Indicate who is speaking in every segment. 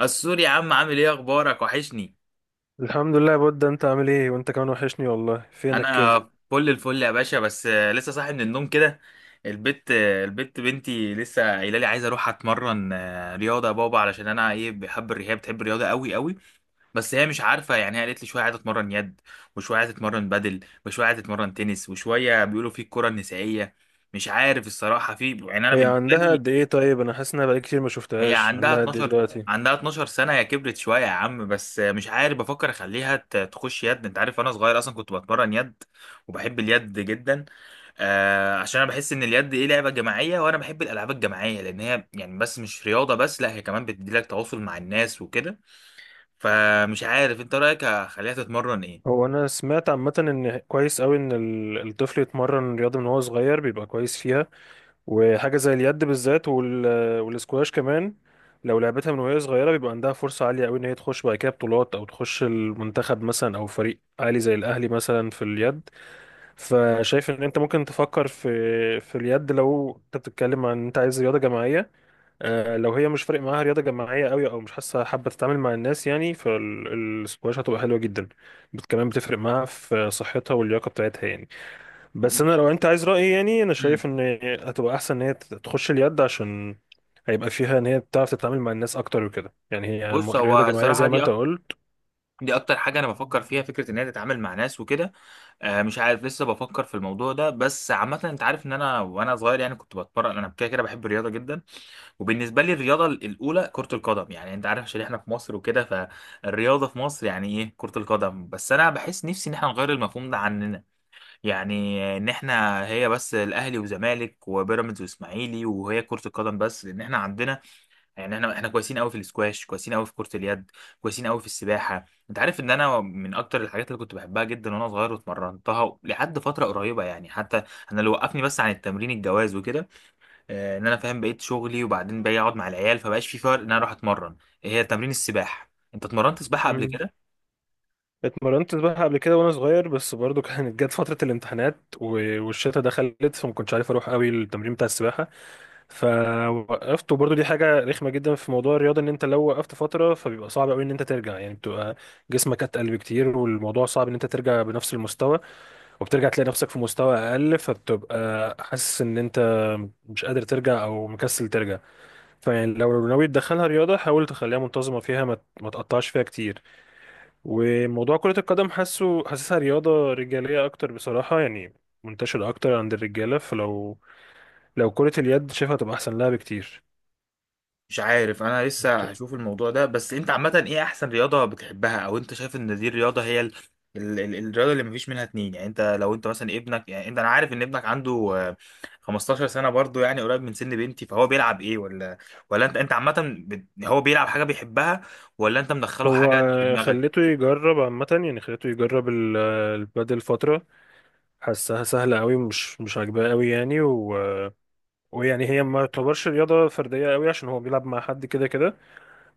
Speaker 1: السوري يا عم، عامل ايه؟ اخبارك؟ وحشني.
Speaker 2: الحمد لله يا بود، انت عامل ايه؟ وانت كمان وحشني والله. فينك
Speaker 1: انا
Speaker 2: كده؟
Speaker 1: فل الفل يا باشا. بس لسه صاحي من النوم كده. البت بنتي لسه قايله لي عايزه اروح اتمرن رياضه يا بابا، علشان انا ايه بحب الرياضه، هي بتحب الرياضه قوي قوي. بس هي مش عارفه يعني. هي قالت لي شويه عايزه اتمرن يد، وشويه عايزه اتمرن بدل، وشويه عايزه اتمرن تنس، وشويه بيقولوا في الكره النسائيه. مش عارف الصراحه، في يعني انا
Speaker 2: هي
Speaker 1: بالنسبه
Speaker 2: عندها
Speaker 1: لي.
Speaker 2: قد ايه؟ طيب انا حاسس انها بقالي كتير ما
Speaker 1: هي
Speaker 2: شفتهاش.
Speaker 1: عندها
Speaker 2: عندها قد ايه
Speaker 1: 12
Speaker 2: دلوقتي؟
Speaker 1: عندها 12 سنة. هي كبرت شوية يا عم. بس مش عارف بفكر اخليها تخش يد. انت عارف انا صغير اصلا كنت بتمرن يد، وبحب اليد جدا. عشان انا بحس ان اليد ايه لعبة جماعية، وانا بحب الالعاب الجماعية، لان هي يعني بس مش رياضة بس، لا، هي كمان بتديلك تواصل مع الناس وكده. فمش عارف، انت رأيك اخليها تتمرن ايه؟
Speaker 2: هو انا سمعت عامه ان كويس قوي ان الطفل يتمرن رياضه من هو صغير، بيبقى كويس فيها. وحاجه زي اليد بالذات والاسكواش كمان، لو لعبتها من وهي صغيره بيبقى عندها فرصه عاليه قوي ان هي تخش بعد كده بطولات او تخش المنتخب مثلا او فريق عالي زي الاهلي مثلا في اليد. فشايف ان انت ممكن تفكر في اليد، لو انت بتتكلم عن انت عايز رياضه جماعيه. لو هي مش فارق معاها رياضة جماعية قوي او مش حاسة حابة تتعامل مع الناس يعني، فالسكواش هتبقى حلوة جدا. كمان بتفرق معاها في صحتها واللياقة بتاعتها يعني. بس انا
Speaker 1: مش
Speaker 2: لو انت عايز رأيي، يعني انا
Speaker 1: مم.
Speaker 2: شايف ان هتبقى احسن ان هي تخش اليد، عشان هيبقى فيها ان هي بتعرف تتعامل مع الناس اكتر وكده. يعني هي
Speaker 1: بص،
Speaker 2: رياضة
Speaker 1: هو
Speaker 2: جماعية
Speaker 1: الصراحة
Speaker 2: زي ما انت قلت.
Speaker 1: دي اكتر حاجه انا بفكر فيها، فكره ان هي تتعامل مع ناس وكده. مش عارف، لسه بفكر في الموضوع ده. بس عامه، انت عارف ان انا وانا صغير يعني كنت بتمرن، انا كده كده بحب الرياضه جدا. وبالنسبه لي، الرياضه الاولى كره القدم، يعني انت عارف عشان احنا في مصر وكده. فالرياضه في مصر يعني ايه، كره القدم. بس انا بحس نفسي ان احنا نغير المفهوم ده عننا. يعني ان احنا هي بس الاهلي وزمالك وبيراميدز واسماعيلي وهي كره القدم بس، لان احنا عندنا يعني، احنا كويسين قوي في الاسكواش، كويسين قوي في كرة اليد، كويسين قوي في السباحة. انت عارف ان انا من اكتر الحاجات اللي كنت بحبها جدا وانا صغير، واتمرنتها لحد فترة قريبة يعني. حتى انا اللي وقفني بس عن التمرين الجواز وكده. ان انا فاهم بقيت شغلي وبعدين باجي اقعد مع العيال، فبقاش في فرق ان انا اروح اتمرن. هي تمرين السباحة، انت اتمرنت سباحة قبل
Speaker 2: مم.
Speaker 1: كده؟
Speaker 2: اتمرنت سباحة قبل كده وانا صغير، بس برضو كانت جت فترة الامتحانات والشتا دخلت، فما كنتش عارف اروح قوي التمرين بتاع السباحة فوقفت. وبرضه دي حاجة رخمة جدا في موضوع الرياضة، ان انت لو وقفت فترة فبيبقى صعب قوي ان انت ترجع. يعني بتبقى جسمك اتقل بكتير والموضوع صعب ان انت ترجع بنفس المستوى، وبترجع تلاقي نفسك في مستوى اقل، فبتبقى حاسس ان انت مش قادر ترجع او مكسل ترجع. فيعني لو ناوي تدخلها رياضة حاول تخليها منتظمة فيها، ما تقطعش فيها كتير. وموضوع كرة القدم، حاسسها رياضة رجالية اكتر بصراحة يعني، منتشرة اكتر عند الرجالة. لو كرة اليد شايفها تبقى احسن لها بكتير.
Speaker 1: مش عارف، انا لسه هشوف الموضوع ده. بس انت عامة ايه احسن رياضة بتحبها، او انت شايف ان دي الرياضة هي الرياضة اللي مفيش منها اتنين؟ يعني انت لو انت مثلا ابنك، يعني انت انا عارف ان ابنك عنده آه، 15 سنة، برضو يعني قريب من سن بنتي، فهو بيلعب ايه؟ ولا ولا انت عامة هو بيلعب حاجة بيحبها، ولا انت مدخله
Speaker 2: هو
Speaker 1: حاجة انت في دماغك؟
Speaker 2: خليته يجرب عامة، يعني خليته يجرب البادل فترة. حسها سهلة قوي، مش عاجباه قوي يعني ويعني هي ما تعتبرش رياضة فردية قوي عشان هو بيلعب مع حد كده كده،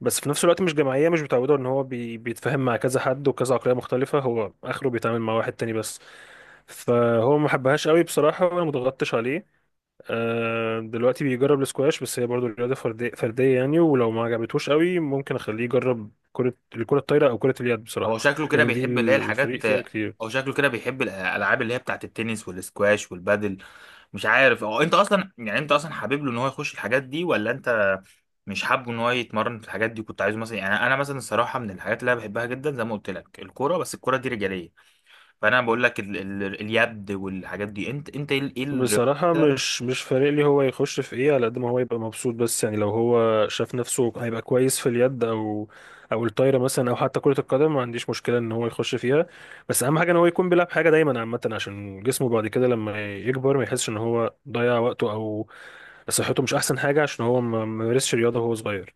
Speaker 2: بس في نفس الوقت مش جماعية، مش متعودة ان هو بيتفاهم مع كذا حد وكذا عقلية مختلفة. هو اخره بيتعامل مع واحد تاني بس، فهو ما حبهاش قوي بصراحة وانا مضغطتش عليه. دلوقتي بيجرب السكواش، بس هي برضو رياضة فردية فردية يعني، ولو ما عجبتهوش قوي ممكن اخليه يجرب الكرة الطايرة او كرة اليد بصراحة.
Speaker 1: هو شكله كده
Speaker 2: يعني دي
Speaker 1: بيحب اللي هي
Speaker 2: الفريق
Speaker 1: الحاجات
Speaker 2: فيها كتير.
Speaker 1: هو شكله كده بيحب الالعاب اللي هي بتاعت التنس والسكواش والبادل. مش عارف هو، انت اصلا يعني انت اصلا حابب له ان هو يخش الحاجات دي، ولا انت مش حابه ان هو يتمرن في الحاجات دي؟ كنت عايزه مثلا، يعني انا مثلا الصراحه من الحاجات اللي انا بحبها جدا زي ما قلت لك الكوره، بس الكوره دي رجاليه. فانا بقول لك اليد والحاجات دي. انت ايه إيه الرياضه
Speaker 2: بصراحة
Speaker 1: مثلا؟
Speaker 2: مش فارق لي هو يخش في ايه، على قد ما هو يبقى مبسوط. بس يعني لو هو شاف نفسه هيبقى كويس في اليد او الطايرة مثلا او حتى كرة القدم، ما عنديش مشكلة ان هو يخش فيها. بس اهم حاجة ان هو يكون بيلعب حاجة دايما عامة، عشان جسمه بعد كده لما يكبر ما يحسش ان هو ضيع وقته او صحته مش احسن حاجه عشان هو ما مارسش رياضه وهو صغير.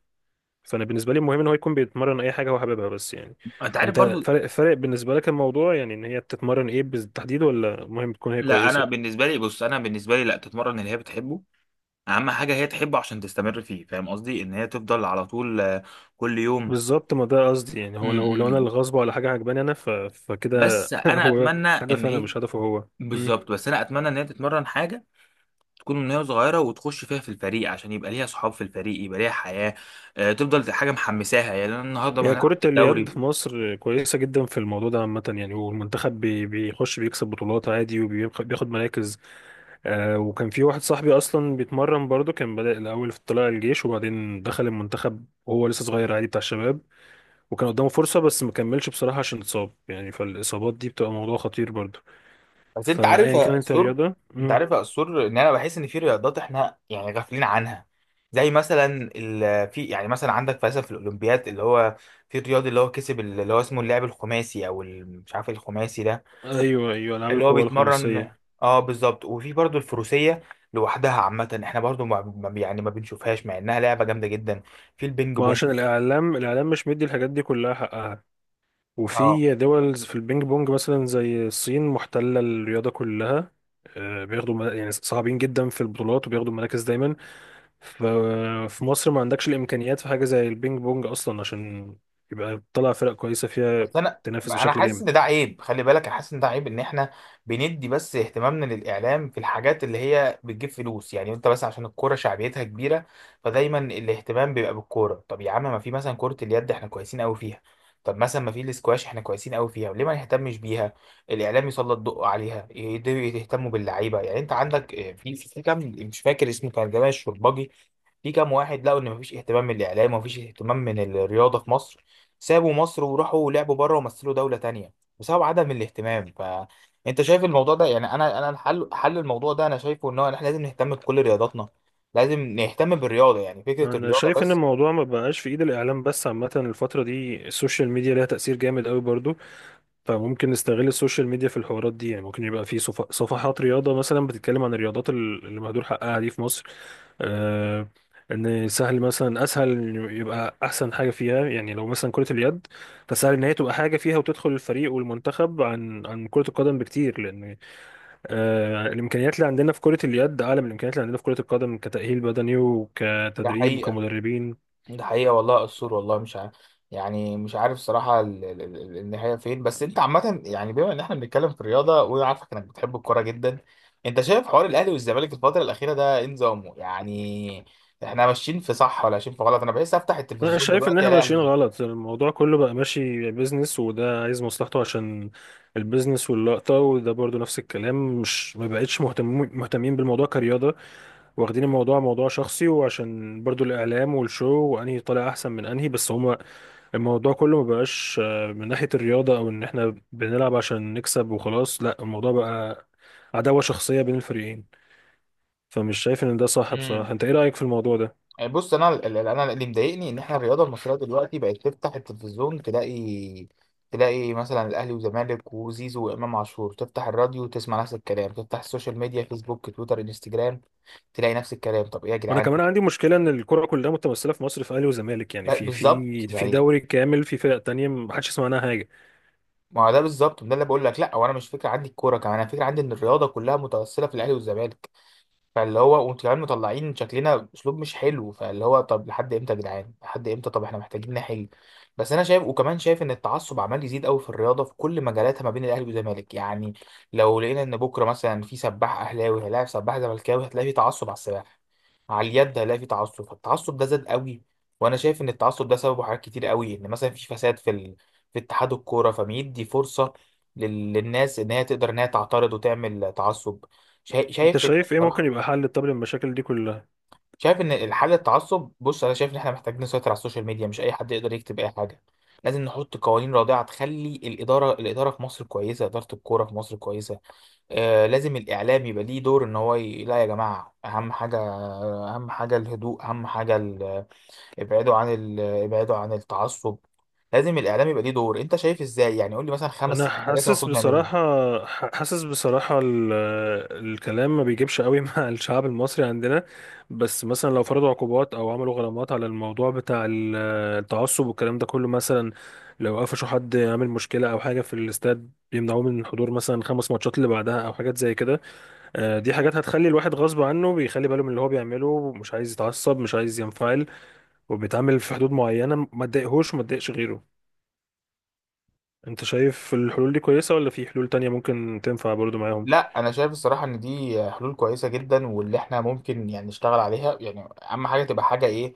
Speaker 2: فانا بالنسبه لي المهم ان هو يكون بيتمرن اي حاجه هو حاببها بس يعني.
Speaker 1: انت عارف
Speaker 2: انت
Speaker 1: برضو،
Speaker 2: فرق بالنسبه لك الموضوع، يعني ان هي بتتمرن ايه بالتحديد، ولا المهم تكون هي
Speaker 1: لا، انا
Speaker 2: كويسه؟
Speaker 1: بالنسبه لي، بص انا بالنسبه لي، لا، تتمرن اللي هي بتحبه، اهم حاجه هي تحبه عشان تستمر فيه. فاهم قصدي؟ ان هي تفضل على طول كل يوم.
Speaker 2: بالظبط، ما ده قصدي. يعني
Speaker 1: م-
Speaker 2: هو
Speaker 1: م-
Speaker 2: لو انا
Speaker 1: م.
Speaker 2: اللي غصب ولا حاجه عجباني انا فكده
Speaker 1: بس انا
Speaker 2: هو
Speaker 1: اتمنى ان
Speaker 2: هدفي انا
Speaker 1: هي
Speaker 2: مش هدفه هو. مم.
Speaker 1: بالظبط، بس انا اتمنى ان هي تتمرن حاجه، تكون من هي صغيرة، وتخش فيها في الفريق عشان يبقى ليها صحاب في الفريق، يبقى ليها حياة تفضل حاجة محمساها. يعني أنا النهاردة ما
Speaker 2: هي
Speaker 1: هنلعب
Speaker 2: كرة
Speaker 1: في
Speaker 2: اليد في
Speaker 1: الدوري.
Speaker 2: مصر كويسة جدا في الموضوع ده عامة يعني، والمنتخب بيخش بيكسب بطولات عادي وبياخد مراكز. وكان في واحد صاحبي اصلا بيتمرن برضه، كان بدأ الاول في طلائع الجيش وبعدين دخل المنتخب وهو لسه صغير عادي بتاع الشباب، وكان قدامه فرصة بس ما كملش بصراحة عشان اتصاب يعني. فالاصابات دي بتبقى موضوع خطير برضه،
Speaker 1: بس انت عارف
Speaker 2: فايا
Speaker 1: يا
Speaker 2: كانت
Speaker 1: أسطور
Speaker 2: الرياضة.
Speaker 1: انت
Speaker 2: مم.
Speaker 1: عارف يا أسطور ان انا بحس ان في رياضات احنا يعني غافلين عنها، زي مثلا في يعني مثلا عندك مثلا في الاولمبياد اللي هو، في الرياضي اللي هو كسب اللي هو اسمه اللاعب الخماسي او مش عارف إيه الخماسي ده،
Speaker 2: ايوه ايوه، العاب
Speaker 1: اللي هو
Speaker 2: القوى
Speaker 1: بيتمرن.
Speaker 2: الخماسية.
Speaker 1: اه بالظبط. وفي برضو الفروسيه لوحدها عامه، احنا برضو يعني ما بنشوفهاش مع انها لعبه جامده جدا. في البينج
Speaker 2: ما
Speaker 1: بونج.
Speaker 2: عشان الاعلام مش مدي الحاجات دي كلها حقها.
Speaker 1: اه،
Speaker 2: وفي دول في البينج بونج مثلا زي الصين محتلة الرياضة كلها. يعني صعبين جدا في البطولات وبياخدوا مراكز دايما. ف- في مصر ما عندكش الامكانيات في حاجه زي البينج بونج اصلا، عشان يبقى تطلع فرق كويسه فيها
Speaker 1: بس انا
Speaker 2: تنافس
Speaker 1: انا
Speaker 2: بشكل
Speaker 1: حاسس
Speaker 2: جامد.
Speaker 1: ان ده عيب، خلي بالك، انا حاسس ان ده عيب ان احنا بندي بس اهتمامنا للاعلام في الحاجات اللي هي بتجيب فلوس. يعني انت بس عشان الكوره شعبيتها كبيره، فدايما الاهتمام بيبقى بالكوره. طب يا عم، ما في مثلا كره اليد احنا كويسين قوي فيها، طب مثلا ما في الاسكواش احنا كويسين قوي فيها، ليه ما نهتمش بيها؟ الاعلام يسلط ضوء عليها، يهتموا باللعيبه. يعني انت عندك في كام، مش فاكر اسمه، كان جمال الشربجي، في كام واحد لقوا ان مفيش اهتمام من الاعلام ومفيش اهتمام من الرياضه في مصر، سابوا مصر وراحوا لعبوا بره ومثلوا دولة تانية بسبب عدم الاهتمام. فانت شايف الموضوع ده؟ يعني انا حل الموضوع ده انا شايفه ان هو إن احنا لازم نهتم بكل رياضاتنا، لازم نهتم بالرياضة، يعني فكرة
Speaker 2: انا
Speaker 1: الرياضة
Speaker 2: شايف ان
Speaker 1: بس.
Speaker 2: الموضوع ما بقاش في ايد الاعلام بس، عامه الفتره دي السوشيال ميديا ليها تاثير جامد قوي برضو. فممكن نستغل السوشيال ميديا في الحوارات دي، يعني ممكن يبقى في صفحات رياضة مثلا بتتكلم عن الرياضات اللي مهدور حقها دي في مصر. آه ان سهل مثلا، اسهل إن يبقى احسن حاجة فيها يعني لو مثلا كرة اليد، فسهل ان هي تبقى حاجة فيها وتدخل الفريق والمنتخب عن كرة القدم بكتير، لان الامكانيات اللي عندنا في كرة اليد اعلى من الامكانيات اللي عندنا في كرة القدم كتأهيل بدني
Speaker 1: ده
Speaker 2: وكتدريب
Speaker 1: حقيقة،
Speaker 2: وكمدربين.
Speaker 1: ده حقيقة والله السور. والله مش يعني مش عارف صراحة النهاية فين. بس انت عامة، يعني بما ان احنا بنتكلم في الرياضة وانا عارفك انك بتحب الكورة جدا، انت شايف حوار الاهلي والزمالك الفترة الأخيرة ده ايه نظامه؟ يعني احنا ماشيين في صح ولا ماشيين في غلط؟ انا بحس افتح
Speaker 2: انا
Speaker 1: التلفزيون
Speaker 2: شايف ان
Speaker 1: دلوقتي
Speaker 2: احنا
Speaker 1: الاقي.
Speaker 2: ماشيين غلط، الموضوع كله بقى ماشي بيزنس وده عايز مصلحته عشان البيزنس واللقطة، وده برضو نفس الكلام، مش ما بقتش مهتمين بالموضوع كرياضة. واخدين الموضوع موضوع شخصي وعشان برضو الاعلام والشو وانهي طالع احسن من انهي. بس هما الموضوع كله ما بقاش من ناحية الرياضة، او ان احنا بنلعب عشان نكسب وخلاص، لا الموضوع بقى عداوة شخصية بين الفريقين. فمش شايف ان ده صح بصراحة.
Speaker 1: امم
Speaker 2: انت ايه رأيك في الموضوع ده؟
Speaker 1: بص، انا اللي مضايقني ان احنا الرياضه المصريه دلوقتي بقت، تفتح التلفزيون تلاقي، تلاقي مثلا الاهلي وزمالك وزيزو وامام عاشور، تفتح الراديو تسمع نفس الكلام، تفتح السوشيال ميديا فيسبوك تويتر انستجرام، تلاقي نفس الكلام. طب ايه يا
Speaker 2: وانا
Speaker 1: جدعان؟
Speaker 2: كمان عندي مشكله ان الكره كلها متمثله في مصر في اهلي وزمالك، يعني في
Speaker 1: بالظبط.
Speaker 2: في في
Speaker 1: يعني
Speaker 2: دوري كامل في فرق تانية ما حدش يسمع عنها حاجه.
Speaker 1: ما هو ده بالظبط، ده اللي بقول لك، لا، وانا مش فكره عندي الكوره كمان، انا فكره عندي ان الرياضه كلها متوصله في الاهلي والزمالك، فاللي هو وانتوا كمان مطلعين شكلنا اسلوب مش حلو، فاللي هو طب لحد امتى يا جدعان؟ لحد امتى؟ طب احنا محتاجين نحل. بس انا شايف، وكمان شايف ان التعصب عمال يزيد قوي في الرياضه في كل مجالاتها ما بين الاهلي والزمالك. يعني لو لقينا ان بكره مثلا في سباح اهلاوي هيلاعب سباح زملكاوي، هتلاقي في تعصب على السباح، على اليد هيلاقي في تعصب. فالتعصب ده زاد قوي. وانا شايف ان التعصب ده سببه حاجات كتير قوي. ان مثلا في فساد في في اتحاد الكوره، فبيدي فرصه للناس ان هي تقدر ان هي تعترض وتعمل تعصب. شايف
Speaker 2: انت
Speaker 1: شايف إن-
Speaker 2: شايف ايه ممكن
Speaker 1: بصراحه،
Speaker 2: يبقى حل طب للمشاكل دي كلها؟
Speaker 1: شايف ان الحل التعصب، بص انا شايف ان احنا محتاجين نسيطر على السوشيال ميديا، مش اي حد يقدر يكتب اي حاجه. لازم نحط قوانين رادعه تخلي الاداره في مصر كويسه، اداره الكوره في مصر كويسه. آه، لازم الاعلام يبقى ليه دور، ان هو لا يا جماعه، اهم حاجه، اهم حاجه الهدوء، اهم حاجه ابعدوا عن ابعدوا عن التعصب. لازم الاعلام يبقى ليه دور. انت شايف ازاي يعني؟ قول لي مثلا خمس
Speaker 2: انا
Speaker 1: ست حاجات
Speaker 2: حاسس
Speaker 1: المفروض نعملهم.
Speaker 2: بصراحه، حاسس بصراحه ال- الكلام ما بيجيبش قوي مع الشعب المصري عندنا. بس مثلا لو فرضوا عقوبات او عملوا غرامات على الموضوع بتاع التعصب والكلام ده كله مثلا، لو قفشوا حد عامل مشكله او حاجه في الاستاد بيمنعوه من الحضور مثلا 5 ماتشات اللي بعدها او حاجات زي كده. دي حاجات هتخلي الواحد غصب عنه بيخلي باله من اللي هو بيعمله، مش عايز يتعصب مش عايز ينفعل، وبيتعامل في حدود معينة ما تضايقهوش وما تضايقش غيره. انت شايف الحلول دي كويسة ولا في حلول تانية ممكن تنفع برضو معاهم؟
Speaker 1: لا، انا شايف الصراحه ان دي حلول كويسه جدا واللي احنا ممكن يعني نشتغل عليها. يعني اهم حاجه تبقى حاجه ايه؟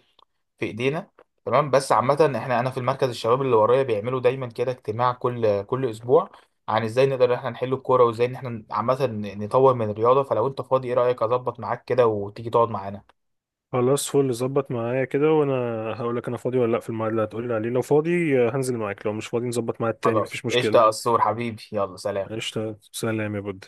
Speaker 1: في ايدينا. تمام. بس عامة انا في المركز الشباب اللي ورايا بيعملوا دايما كده اجتماع كل اسبوع، عن ازاي نقدر إن احنا نحل الكورة، وازاي ان احنا عامة نطور من الرياضة. فلو انت فاضي، ايه رأيك اظبط معاك كده وتيجي تقعد معانا؟
Speaker 2: خلاص فل، ظبط معايا كده وانا هقول لك انا فاضي ولا لا في الميعاد اللي هتقولي عليه. لو فاضي هنزل معاك، لو مش فاضي نظبط ميعاد تاني
Speaker 1: خلاص
Speaker 2: مفيش
Speaker 1: قشطة يا
Speaker 2: مشكلة.
Speaker 1: قصور حبيبي. يلا سلام.
Speaker 2: قشطة، سلام يا بود.